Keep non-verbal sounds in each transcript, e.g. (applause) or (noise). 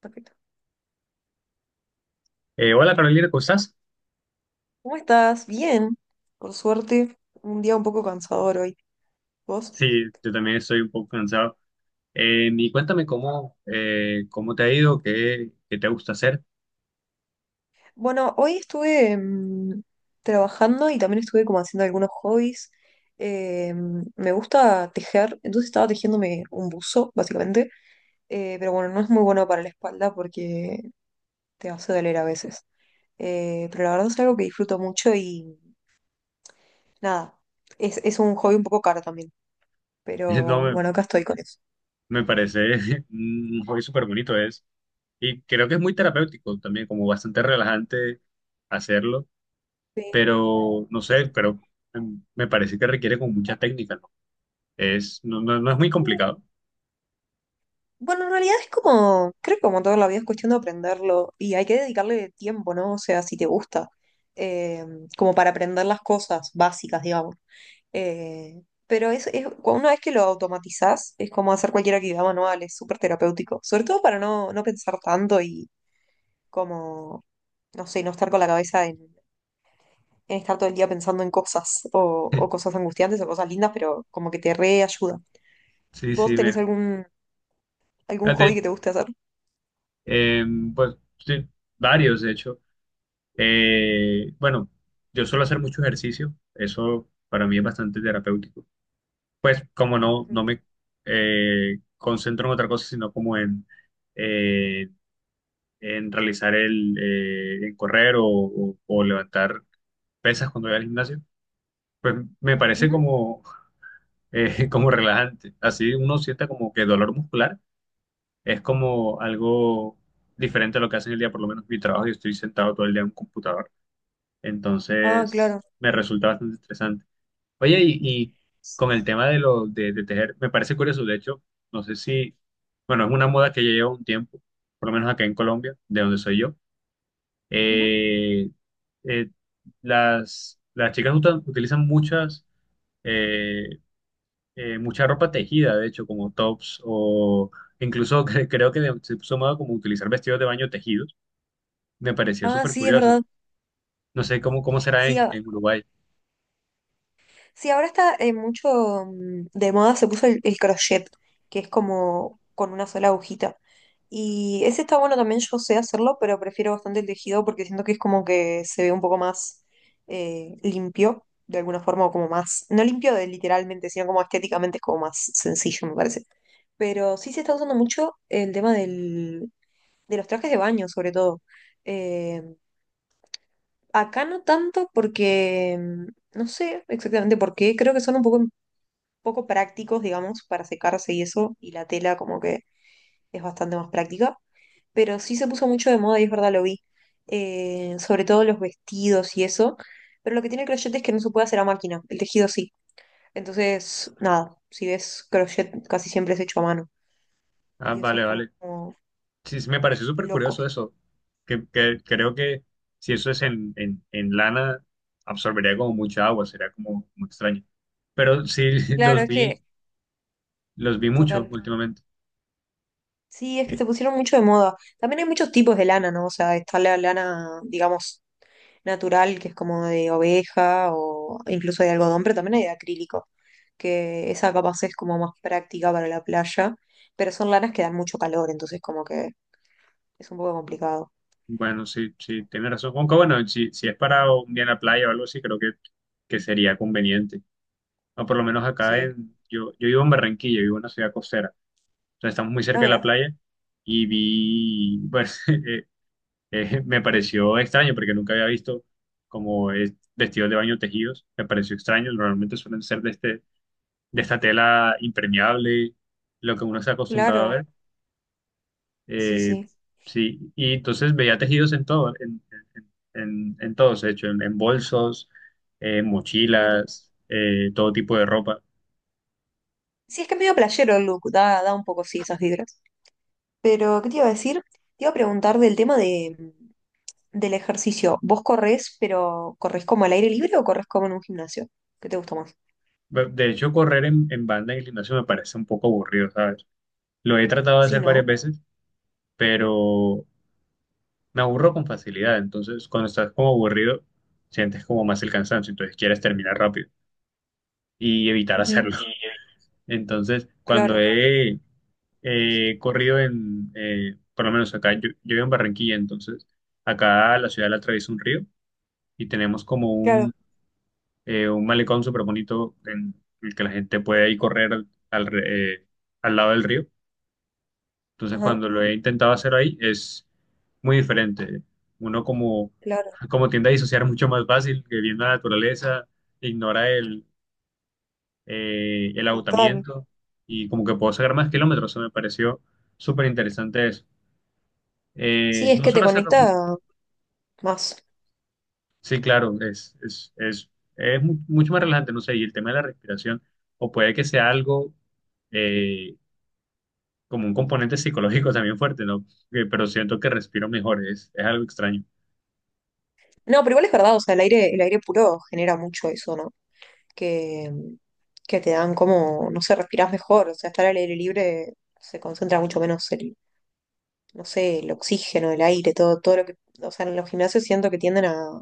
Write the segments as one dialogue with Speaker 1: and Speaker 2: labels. Speaker 1: Perfecto.
Speaker 2: Hola Carolina, ¿cómo estás?
Speaker 1: ¿Cómo estás? Bien, por suerte. Un día un poco cansador hoy. ¿Vos?
Speaker 2: Sí, yo también estoy un poco cansado. Y cuéntame cómo, cómo te ha ido, qué te gusta hacer.
Speaker 1: Bueno, hoy estuve trabajando y también estuve como haciendo algunos hobbies. Eh, Me gusta tejer, entonces estaba tejiéndome un buzo, básicamente. Pero bueno, no es muy bueno para la espalda porque te hace doler a veces. Pero la verdad es algo que disfruto mucho y nada, es un hobby un poco caro también.
Speaker 2: (laughs) No,
Speaker 1: Pero
Speaker 2: me,
Speaker 1: bueno, acá estoy con eso.
Speaker 2: me parece (laughs) un hobby súper bonito es. Y creo que es muy terapéutico también, como bastante relajante hacerlo.
Speaker 1: Sí,
Speaker 2: Pero no
Speaker 1: sí,
Speaker 2: sé,
Speaker 1: sí.
Speaker 2: pero me parece que requiere como mucha técnica, ¿no? No es muy
Speaker 1: Sí.
Speaker 2: complicado.
Speaker 1: Bueno, en realidad es como, creo que como toda la vida es cuestión de aprenderlo y hay que dedicarle tiempo, ¿no? O sea, si te gusta, eh, como para aprender las cosas básicas, digamos. Pero una vez que lo automatizás, es como hacer cualquier actividad manual, es súper terapéutico, sobre todo para no pensar tanto y como, no sé, no estar con la cabeza en estar todo el día pensando en cosas o
Speaker 2: (laughs)
Speaker 1: cosas angustiantes o cosas lindas, pero como que te reayuda.
Speaker 2: Sí,
Speaker 1: ¿Vos
Speaker 2: sí,
Speaker 1: tenés
Speaker 2: me,
Speaker 1: algún, algún hobby
Speaker 2: fíjate,
Speaker 1: que te guste hacer?
Speaker 2: pues sí, varios, de hecho. Bueno, yo suelo hacer mucho ejercicio, eso para mí es bastante terapéutico. Pues como no me concentro en otra cosa, sino como eh, en realizar el, en correr o, o levantar pesas cuando voy al gimnasio, pues me parece
Speaker 1: Ujú.
Speaker 2: como, (laughs) como relajante. Así uno sienta como que dolor muscular es como algo diferente a lo que hace en el día, por lo menos mi trabajo, yo estoy sentado todo el día en un computador.
Speaker 1: Ah,
Speaker 2: Entonces,
Speaker 1: claro.
Speaker 2: me resulta bastante interesante. Oye, y con el tema de lo de tejer, me parece curioso, de hecho, no sé si, bueno, es una moda que ya lleva un tiempo, por lo menos acá en Colombia, de donde soy yo.
Speaker 1: Ujú.
Speaker 2: Eh, eh, las chicas utilizan muchas, eh, mucha ropa tejida, de hecho, como tops o incluso (laughs) creo que se puso moda como utilizar vestidos de baño tejidos. Me pareció
Speaker 1: Ah,
Speaker 2: súper
Speaker 1: sí, es
Speaker 2: curioso.
Speaker 1: verdad.
Speaker 2: No sé cómo, cómo será
Speaker 1: Sí, a-
Speaker 2: en Uruguay.
Speaker 1: sí, ahora está mucho de moda, se puso el crochet, que es como con una sola agujita. Y ese está bueno también, yo sé hacerlo, pero prefiero bastante el tejido porque siento que es como que se ve un poco más limpio, de alguna forma, o como más, no limpio de literalmente, sino como estéticamente es como más sencillo, me parece. Pero sí se está usando mucho el tema del, de los trajes de baño, sobre todo. Eh, Acá no tanto porque no sé exactamente por qué, creo que son un poco, poco prácticos, digamos, para secarse y eso, y la tela como que es bastante más práctica, pero sí se puso mucho de moda y es verdad, lo vi, sobre todo los vestidos y eso, pero lo que tiene el crochet es que no se puede hacer a máquina, el tejido sí, entonces nada, si ves crochet casi siempre es hecho a mano
Speaker 2: Ah,
Speaker 1: y eso es
Speaker 2: vale,
Speaker 1: como
Speaker 2: vale. Sí, sí, me pareció súper
Speaker 1: loco.
Speaker 2: curioso eso, que creo que si eso es en lana, absorbería como mucha agua, sería como muy extraño. Pero sí, (laughs)
Speaker 1: Claro, es que,
Speaker 2: los vi mucho
Speaker 1: total.
Speaker 2: últimamente.
Speaker 1: Sí, es que
Speaker 2: Eh,
Speaker 1: se pusieron mucho de moda. También hay muchos tipos de lana, ¿no? O sea, está la lana, digamos, natural, que es como de oveja o incluso de algodón, pero también hay de acrílico, que esa capaz es como más práctica para la playa, pero son lanas que dan mucho calor, entonces como que es un poco complicado.
Speaker 2: Bueno, sí, sí, tiene razón. Aunque bueno, si, si es para un día en la playa o algo así, creo que sería conveniente. O por lo menos acá
Speaker 1: Sí.
Speaker 2: en, yo vivo en Barranquilla, vivo en una ciudad costera, o sea, estamos muy
Speaker 1: Ah,
Speaker 2: cerca de la
Speaker 1: mira,
Speaker 2: playa y vi, bueno, (laughs) (laughs) me pareció extraño porque nunca había visto como vestidos de baño tejidos. Me pareció extraño. Normalmente suelen ser de, este, de esta tela impermeable, lo que uno está acostumbrado a
Speaker 1: claro,
Speaker 2: ver.
Speaker 1: sí,
Speaker 2: Eh,
Speaker 1: sí,
Speaker 2: sí, y entonces veía tejidos en todo, en todos, de hecho, en bolsos, en
Speaker 1: claro.
Speaker 2: mochilas, todo tipo de ropa.
Speaker 1: Sí, es que es medio playero el look, da, da un poco, sí, esas vibras. Pero, ¿qué te iba a decir? Te iba a preguntar del tema de, del ejercicio, ¿vos corres, pero corres como al aire libre o corres como en un gimnasio? ¿Qué te gusta más?
Speaker 2: De hecho, correr en banda en el gimnasio me parece un poco aburrido, ¿sabes? Lo he tratado de
Speaker 1: Sí,
Speaker 2: hacer
Speaker 1: ¿no?
Speaker 2: varias veces, pero me aburro con facilidad, entonces cuando estás como aburrido, sientes como más el cansancio, entonces quieres terminar rápido y evitar
Speaker 1: Ujú,
Speaker 2: hacerlo. (laughs) Entonces, cuando
Speaker 1: claro,
Speaker 2: he corrido en, por lo menos acá, yo vivo en Barranquilla, entonces acá la ciudad la atraviesa un río y tenemos como
Speaker 1: claro,
Speaker 2: un malecón súper bonito en el que la gente puede ir correr al, al lado del río. Entonces,
Speaker 1: ajá,
Speaker 2: cuando lo he intentado hacer ahí, es muy diferente. Uno como,
Speaker 1: claro,
Speaker 2: como tiende a disociar mucho más fácil, que viendo la naturaleza, ignora el
Speaker 1: total.
Speaker 2: agotamiento y como que puedo sacar más kilómetros. Eso me pareció súper interesante eso.
Speaker 1: Sí, es
Speaker 2: No
Speaker 1: que te
Speaker 2: solo hacerlo mucho.
Speaker 1: conecta más.
Speaker 2: Sí, claro, es mucho más relajante, no sé, y el tema de la respiración, o puede que sea algo eh, como un componente psicológico también fuerte, ¿no? Que- pero siento que respiro mejor, es algo extraño.
Speaker 1: No, pero igual es verdad, o sea, el aire puro genera mucho eso, ¿no? Que, que te dan como, no sé, respirás mejor, o sea, estar al aire libre se concentra mucho menos el, no sé, el oxígeno, el aire, todo, todo lo que, o sea, en los gimnasios siento que tienden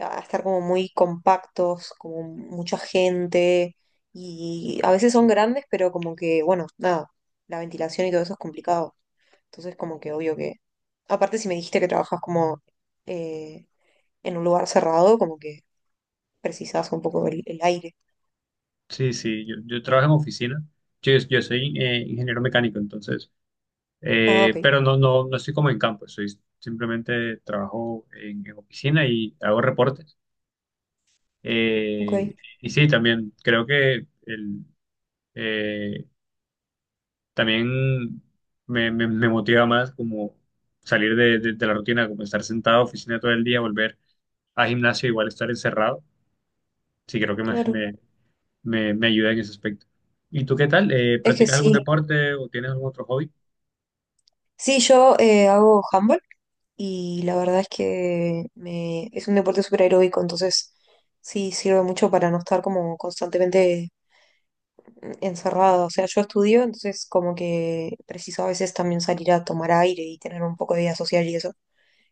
Speaker 1: a estar como muy compactos, como mucha gente, y a veces son grandes, pero como que, bueno, nada, la ventilación y todo eso es complicado. Entonces, como que obvio que, aparte si me dijiste que trabajas como eh, en un lugar cerrado, como que precisas un poco el aire.
Speaker 2: Sí, sí, yo trabajo en oficina. Yo soy ingeniero mecánico, entonces,
Speaker 1: Ah, ok,
Speaker 2: pero no, no, no estoy como en campo, soy simplemente trabajo en oficina y hago reportes.
Speaker 1: ok,
Speaker 2: Eh, y sí, también creo que el, eh, también me, me motiva más como salir de, de la rutina, como estar sentado en oficina todo el día, volver a gimnasio, igual estar encerrado. Sí, creo que
Speaker 1: claro.
Speaker 2: me ayuda en ese aspecto. ¿Y tú qué tal?
Speaker 1: Es que
Speaker 2: ¿Practicas algún
Speaker 1: sí,
Speaker 2: deporte o tienes algún otro hobby?
Speaker 1: sí, yo hago handball y la verdad es que me, es un deporte súper aeróbico, entonces sí sirve mucho para no estar como constantemente encerrada. O sea, yo estudio, entonces como que preciso a veces también salir a tomar aire y tener un poco de vida social y eso,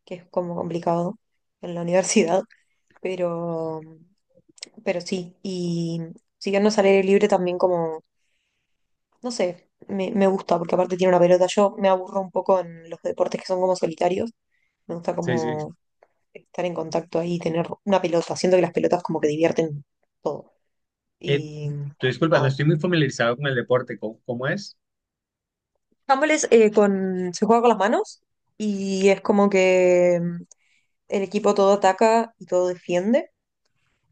Speaker 1: que es como complicado en la (laughs) universidad. Pero, pero sí, y siguiendo al aire libre también como, no sé, me gusta porque aparte tiene una pelota. Yo me aburro un poco en los deportes que son como solitarios. Me gusta
Speaker 2: Sí, sí.
Speaker 1: como estar en contacto ahí tener una pelota. Siento que las pelotas como que divierten todo.
Speaker 2: Eh,
Speaker 1: Y
Speaker 2: Te disculpa, no
Speaker 1: nada,
Speaker 2: estoy muy familiarizado con el deporte. ¿Cómo, cómo es?
Speaker 1: handball es, con, se juega con las manos y es como que el equipo todo ataca y todo defiende.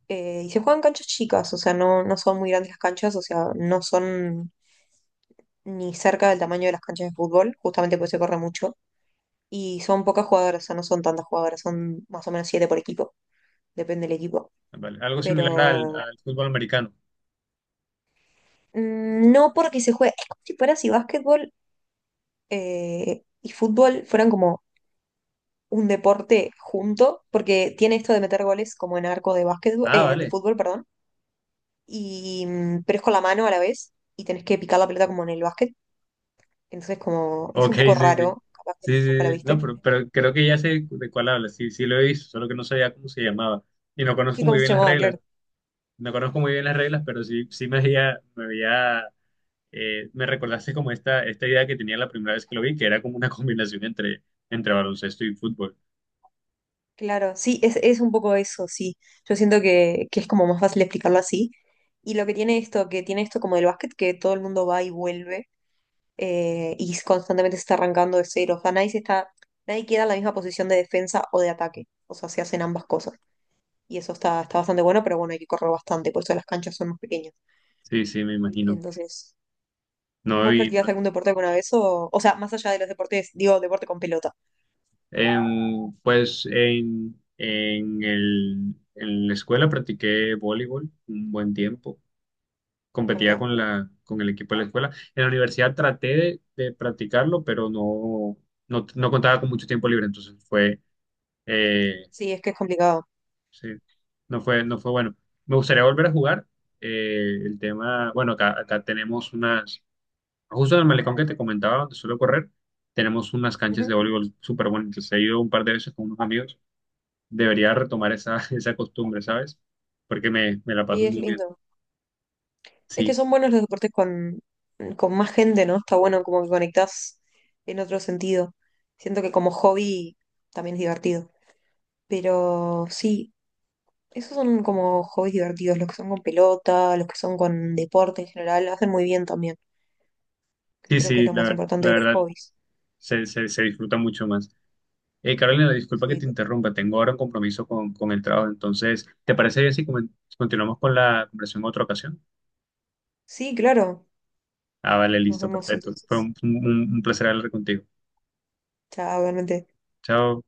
Speaker 1: Y se juegan canchas chicas, o sea, no son muy grandes las canchas, o sea, no son ni cerca del tamaño de las canchas de fútbol, justamente porque se corre mucho. Y son pocas jugadoras, o sea, no son tantas jugadoras, son más o menos siete por equipo, depende del equipo.
Speaker 2: Ah, vale, algo similar al,
Speaker 1: Pero
Speaker 2: al fútbol americano.
Speaker 1: no porque se juegue, es como si fuera si básquetbol y fútbol fueran como un deporte junto, porque tiene esto de meter goles como en arco de básquetbol,
Speaker 2: Ah,
Speaker 1: de
Speaker 2: vale.
Speaker 1: fútbol, perdón, y, pero es con la mano a la vez y tenés que picar la pelota como en el básquet, entonces como es
Speaker 2: Ok,
Speaker 1: un
Speaker 2: sí,
Speaker 1: poco
Speaker 2: sí.
Speaker 1: raro, capaz que si
Speaker 2: Sí,
Speaker 1: nunca la
Speaker 2: sí, sí. No,
Speaker 1: viste.
Speaker 2: pero creo que ya sé de cuál hablas. Sí, sí lo he visto, solo que no sabía cómo se llamaba. Y no conozco
Speaker 1: Sí,
Speaker 2: muy
Speaker 1: ¿cómo se
Speaker 2: bien las
Speaker 1: llamaba?
Speaker 2: reglas.
Speaker 1: Claro.
Speaker 2: No conozco muy bien las reglas, pero sí, sí me veía, me veía me recordaste como esta idea que tenía la primera vez que lo vi, que era como una (laughs) combinación entre, entre baloncesto y fútbol.
Speaker 1: Claro, sí, es un poco eso, sí. Yo siento que es como más fácil explicarlo así. Y lo que tiene esto como del básquet, que todo el mundo va y vuelve y constantemente se está arrancando de cero. O sea, nadie se está, nadie queda en la misma posición de defensa o de ataque. O sea, se hacen ambas cosas. Y eso está, está bastante bueno, pero bueno, hay que correr bastante, por eso las canchas son más pequeñas.
Speaker 2: Sí, sí, me imagino.
Speaker 1: Entonces,
Speaker 2: No,
Speaker 1: ¿vos
Speaker 2: y
Speaker 1: practicaste algún deporte alguna vez? O sea, más allá de los deportes, digo, deporte con pelota.
Speaker 2: pues en el, en la escuela practiqué voleibol un buen tiempo.
Speaker 1: Ah,
Speaker 2: Competía
Speaker 1: mira,
Speaker 2: con la, con el equipo de la escuela. En la universidad traté de practicarlo, pero no, no, no contaba con mucho tiempo libre, entonces fue, eh,
Speaker 1: sí, es que es complicado.
Speaker 2: sí, no fue, no fue bueno. Me gustaría volver a jugar. El tema, bueno, acá, acá tenemos unas, justo en el malecón que te comentaba, donde suelo correr, tenemos unas canchas
Speaker 1: Ujú,
Speaker 2: de voleibol súper bonitas. He ido un par de veces con unos amigos. Debería retomar esa, (laughs) esa costumbre, ¿sabes? Porque me la
Speaker 1: sí,
Speaker 2: paso
Speaker 1: es
Speaker 2: muy bien.
Speaker 1: lindo. Es que
Speaker 2: Sí,
Speaker 1: son buenos los deportes con más gente, ¿no? Está bueno como que conectás en otro sentido. Siento que como hobby también es divertido. Pero sí, esos son como hobbies divertidos, los que son con pelota, los que son con deporte en general, hacen muy bien también, que
Speaker 2: sí,
Speaker 1: creo que es
Speaker 2: sí,
Speaker 1: lo
Speaker 2: la,
Speaker 1: más importante
Speaker 2: la
Speaker 1: de los
Speaker 2: verdad,
Speaker 1: hobbies.
Speaker 2: se disfruta mucho más. Carolina, disculpa que
Speaker 1: Sí,
Speaker 2: te
Speaker 1: total.
Speaker 2: interrumpa, tengo ahora un compromiso con el trabajo, entonces, ¿te parece bien si si continuamos con la conversación en otra ocasión?
Speaker 1: Sí, claro.
Speaker 2: Ah, vale,
Speaker 1: Nos
Speaker 2: listo,
Speaker 1: vemos
Speaker 2: perfecto. Fue
Speaker 1: entonces.
Speaker 2: un, un placer hablar contigo.
Speaker 1: Chao, buenas noches.
Speaker 2: Chao.